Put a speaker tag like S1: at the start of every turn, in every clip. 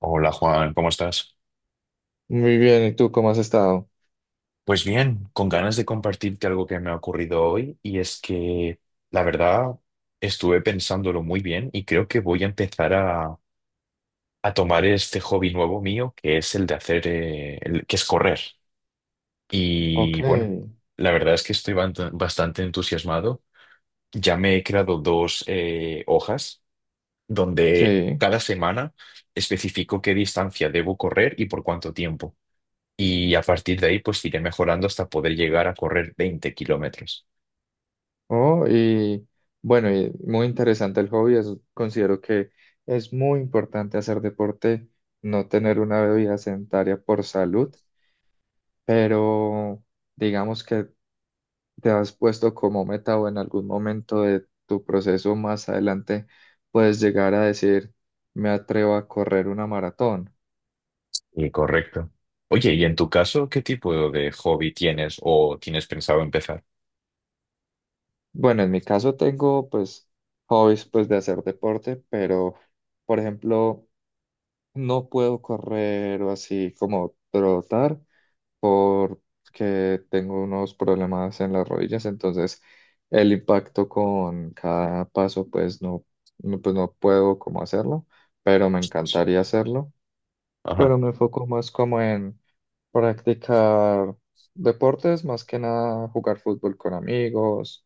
S1: Hola Juan, ¿cómo estás?
S2: Muy bien, ¿y tú cómo has estado?
S1: Pues bien, con ganas de compartirte algo que me ha ocurrido hoy y es que la verdad estuve pensándolo muy bien y creo que voy a empezar a tomar este hobby nuevo mío que es el de hacer, que es correr.
S2: Ok,
S1: Y bueno, la verdad es que estoy bastante entusiasmado. Ya me he creado dos hojas donde
S2: sí.
S1: cada semana especifico qué distancia debo correr y por cuánto tiempo. Y a partir de ahí, pues iré mejorando hasta poder llegar a correr 20 km.
S2: Oh, y bueno, y muy interesante el hobby. Considero que es muy importante hacer deporte, no tener una bebida sedentaria por salud, pero digamos que te has puesto como meta o en algún momento de tu proceso más adelante puedes llegar a decir, me atrevo a correr una maratón.
S1: Y correcto. Oye, ¿y en tu caso, qué tipo de hobby tienes o tienes pensado empezar?
S2: Bueno, en mi caso tengo pues hobbies pues de hacer deporte, pero por ejemplo no puedo correr o así como trotar porque tengo unos problemas en las rodillas, entonces el impacto con cada paso pues no, no, pues no puedo como hacerlo, pero me
S1: Ostras.
S2: encantaría hacerlo,
S1: Ajá.
S2: pero me enfoco más como en practicar deportes, más que nada jugar fútbol con amigos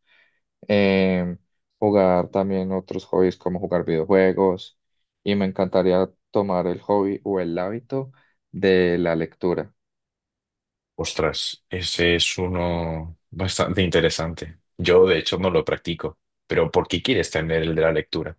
S2: em, jugar también otros hobbies como jugar videojuegos y me encantaría tomar el hobby o el hábito de la lectura,
S1: Ostras, ese es uno bastante interesante. Yo, de hecho, no lo practico. Pero ¿por qué quieres tener el de la lectura?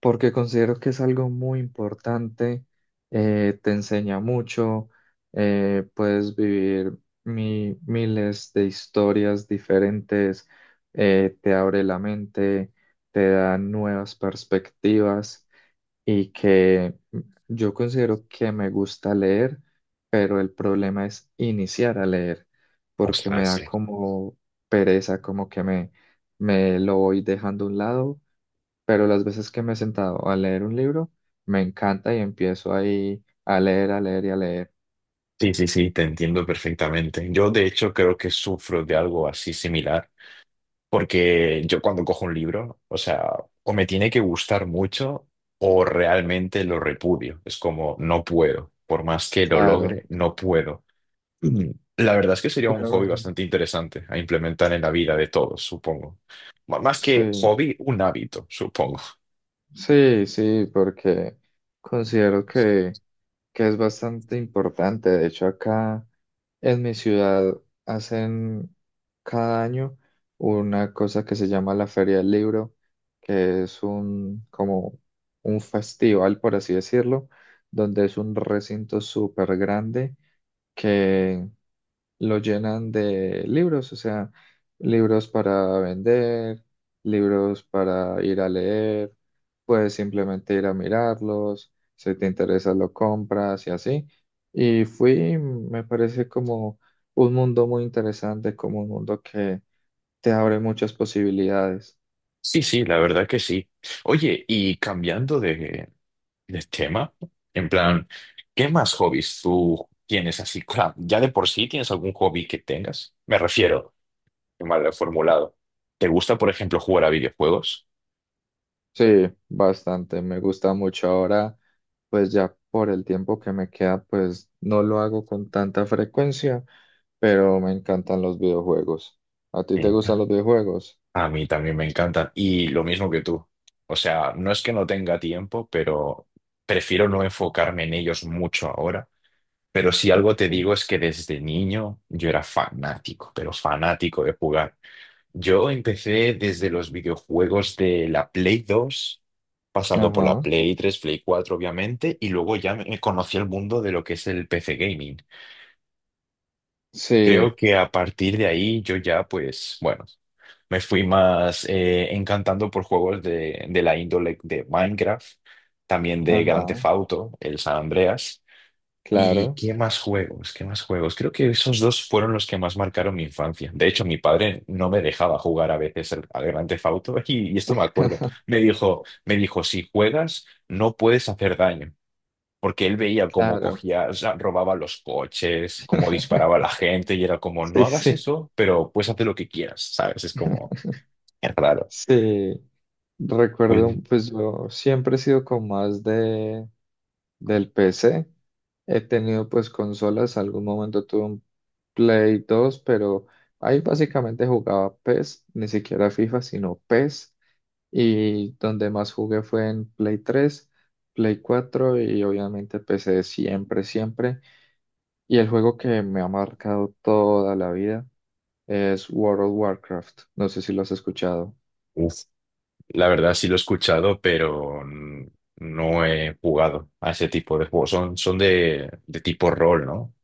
S2: porque considero que es algo muy importante, te enseña mucho, puedes vivir miles de historias diferentes, te abre la mente, te da nuevas perspectivas. Y que yo considero que me gusta leer, pero el problema es iniciar a leer, porque me
S1: Ostras, sí.
S2: da como pereza, como que me lo voy dejando a un lado, pero las veces que me he sentado a leer un libro, me encanta y empiezo ahí a leer y a leer.
S1: Sí, sí, sí, te entiendo perfectamente. Yo, de hecho, creo que sufro de algo así similar, porque yo cuando cojo un libro, o sea, o me tiene que gustar mucho o realmente lo repudio. Es como, no puedo. Por más que lo
S2: Claro,
S1: logre, no puedo. Mm. La verdad es que sería un
S2: pero en
S1: hobby
S2: fin,
S1: bastante interesante a implementar en la vida de todos, supongo. Más que
S2: sí,
S1: hobby, un hábito, supongo.
S2: sí, sí, porque considero que es bastante importante. De hecho, acá en mi ciudad hacen cada año una cosa que se llama la Feria del Libro, que es un como un festival, por así decirlo, donde es un recinto súper grande que lo llenan de libros, o sea, libros para vender, libros para ir a leer, puedes simplemente ir a mirarlos, si te interesa lo compras y así. Y fui, me parece como un mundo muy interesante, como un mundo que te abre muchas posibilidades.
S1: Sí, sí, la verdad que sí. Oye, el tema? En plan, ¿qué más hobbies tú tienes así? Claro, ya de por sí tienes algún hobby que tengas. Me refiero, qué mal lo he formulado. ¿Te gusta, por ejemplo, jugar a videojuegos?
S2: Sí, bastante, me gusta mucho ahora, pues ya por el tiempo que me queda, pues no lo hago con tanta frecuencia pero me encantan los videojuegos. ¿A ti te
S1: Sí.
S2: gustan los videojuegos?
S1: A mí también me encantan. Y lo mismo que tú. O sea, no es que no tenga tiempo, pero prefiero no enfocarme en ellos mucho ahora. Pero si algo te
S2: Ok.
S1: digo es que desde niño yo era fanático, pero fanático de jugar. Yo empecé desde los videojuegos de la Play 2, pasando por la
S2: Ajá.
S1: Play 3, Play 4 obviamente, y luego ya me conocí el mundo de lo que es el PC gaming.
S2: Sí.
S1: Creo que a partir de ahí yo ya, pues, bueno, me fui más encantando por juegos de la índole de Minecraft, también de Grand
S2: Ajá.
S1: Theft Auto, el San Andreas. ¿Y
S2: Claro.
S1: qué más juegos? ¿Qué más juegos? Creo que esos dos fueron los que más marcaron mi infancia. De hecho, mi padre no me dejaba jugar a veces al Grand Theft Auto y esto me acuerdo. Me dijo, si juegas, no puedes hacer daño. Porque él veía cómo
S2: Claro.
S1: cogía, o sea, robaba los coches, cómo disparaba a la gente y era como, no
S2: Sí,
S1: hagas
S2: sí.
S1: eso, pero puedes hacer lo que quieras, ¿sabes? Es como, es raro.
S2: Sí. Recuerdo,
S1: Pues,
S2: pues yo siempre he sido con más de del PC. He tenido pues consolas, algún momento tuve un Play 2, pero ahí básicamente jugaba PES, ni siquiera FIFA, sino PES. Y donde más jugué fue en Play 3 Play 4 y obviamente PC siempre, siempre. Y el juego que me ha marcado toda la vida es World of Warcraft. No sé si lo has escuchado.
S1: uf, la verdad sí lo he escuchado, pero no he jugado a ese tipo de juegos. Son de tipo rol, ¿no?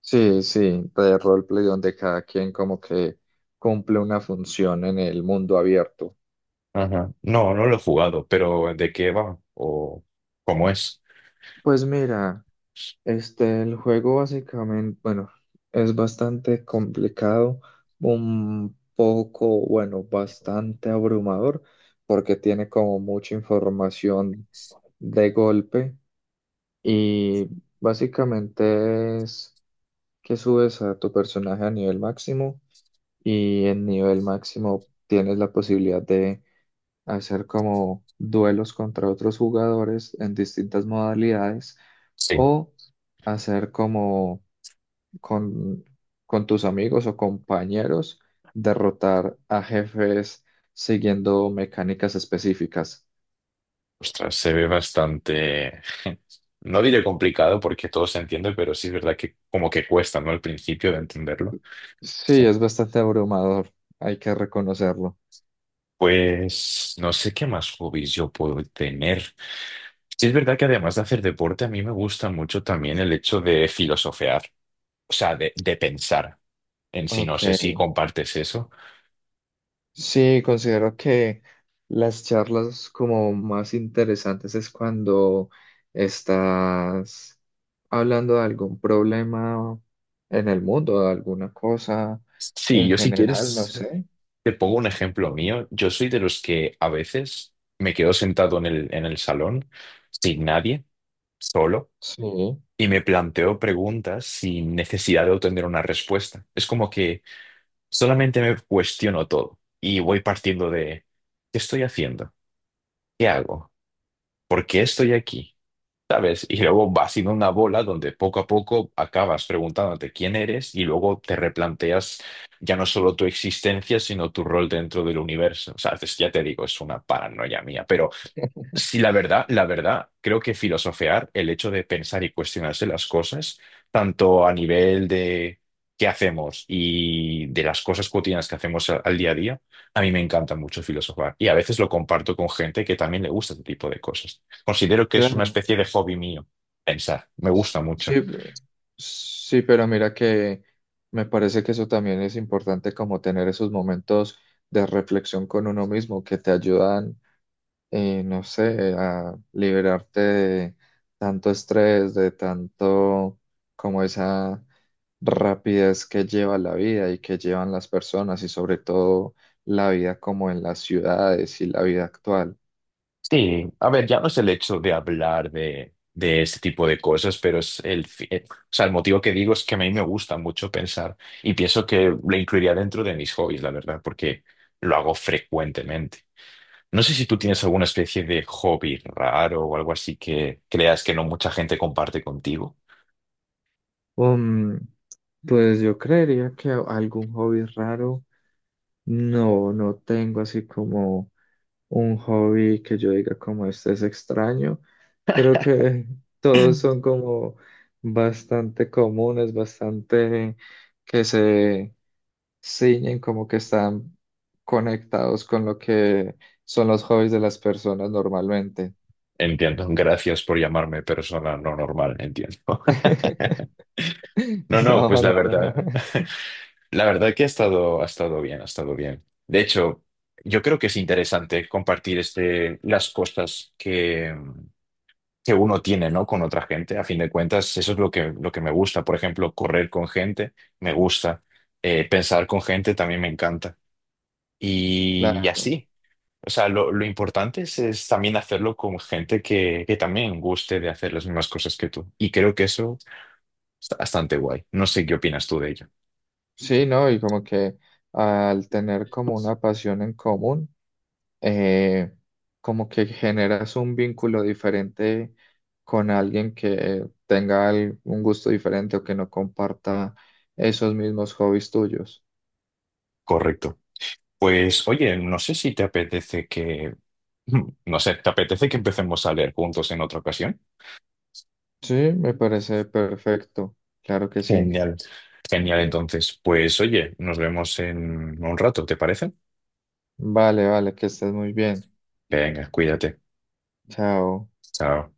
S2: Sí, sí, de roleplay donde cada quien como que cumple una función en el mundo abierto.
S1: Ajá. No, no lo he jugado, pero ¿de qué va? ¿O cómo es?
S2: Pues mira, este, el juego básicamente, bueno, es bastante complicado, un poco, bueno, bastante abrumador, porque tiene como mucha información de golpe y básicamente es que subes a tu personaje a nivel máximo y en nivel máximo tienes la posibilidad de hacer como duelos contra otros jugadores en distintas modalidades
S1: Sí.
S2: o hacer como con, con tus amigos o compañeros derrotar a jefes siguiendo mecánicas específicas.
S1: Ostras, se ve bastante... No diré complicado porque todo se entiende, pero sí es verdad que como que cuesta, ¿no? Al principio de entenderlo.
S2: Sí, es bastante abrumador, hay que reconocerlo.
S1: Pues no sé qué más hobbies yo puedo tener. Sí es verdad que además de hacer deporte, a mí me gusta mucho también el hecho de filosofear, o sea, de pensar en sí. No
S2: Ok,
S1: sé si compartes eso.
S2: sí, considero que las charlas como más interesantes es cuando estás hablando de algún problema en el mundo, de alguna cosa
S1: Sí,
S2: en
S1: yo si
S2: general, no
S1: quieres
S2: sé.
S1: te pongo un ejemplo mío. Yo soy de los que a veces me quedo sentado en en el salón sin nadie, solo,
S2: Sí,
S1: y me planteo preguntas sin necesidad de obtener una respuesta. Es como que solamente me cuestiono todo y voy partiendo de, ¿qué estoy haciendo? ¿Qué hago? ¿Por qué estoy aquí? ¿Sabes? Y luego va siendo una bola donde poco a poco acabas preguntándote quién eres y luego te replanteas ya no solo tu existencia, sino tu rol dentro del universo. O sea, ya te digo, es una paranoia mía, pero sí, la verdad, creo que filosofear, el hecho de pensar y cuestionarse las cosas, tanto a nivel de qué hacemos y de las cosas cotidianas que hacemos al día a día, a mí me encanta mucho filosofar y a veces lo comparto con gente que también le gusta este tipo de cosas. Considero que es una
S2: claro.
S1: especie de hobby mío pensar, me gusta mucho.
S2: Sí, pe- sí, pero mira que me parece que eso también es importante como tener esos momentos de reflexión con uno mismo que te ayudan, no sé, a liberarte de tanto estrés, de tanto como esa rapidez que lleva la vida y que llevan las personas y sobre todo la vida como en las ciudades y la vida actual.
S1: Sí, a ver, ya no es el hecho de hablar de este tipo de cosas, pero es o sea, el motivo que digo es que a mí me gusta mucho pensar y pienso que lo incluiría dentro de mis hobbies, la verdad, porque lo hago frecuentemente. No sé si tú tienes alguna especie de hobby raro o algo así que creas que no mucha gente comparte contigo.
S2: Um, pues yo creería que algún hobby raro. No, no tengo así como un hobby que yo diga como este es extraño. Creo que todos son como bastante comunes, bastante que se ciñen, como que están conectados con lo que son los hobbies de las personas normalmente.
S1: Entiendo, gracias por llamarme persona no normal, entiendo. No, no,
S2: No,
S1: pues la
S2: no, no.
S1: verdad. La verdad que ha estado bien, ha estado bien. De hecho, yo creo que es interesante compartir este, las cosas que uno tiene, ¿no?, con otra gente. A fin de cuentas, eso es lo que me gusta. Por ejemplo, correr con gente me gusta. Pensar con gente también me encanta. Y
S2: Claro.
S1: así. O sea, lo importante es también hacerlo con gente que también guste de hacer las mismas cosas que tú. Y creo que eso está bastante guay. No sé qué opinas tú de ello.
S2: Sí, no, y como que al tener como una pasión en común eh, como que generas un vínculo diferente con alguien que tenga un gusto diferente o que no comparta esos mismos hobbies tuyos.
S1: Correcto. Pues oye, no sé si te no sé, ¿te apetece que empecemos a leer juntos en otra ocasión?
S2: Sí, me parece perfecto. Claro que sí.
S1: Genial. Genial, entonces, pues oye, nos vemos en un rato, ¿te parece?
S2: Vale, vale, que estés muy bien.
S1: Venga, cuídate.
S2: Chao.
S1: Chao.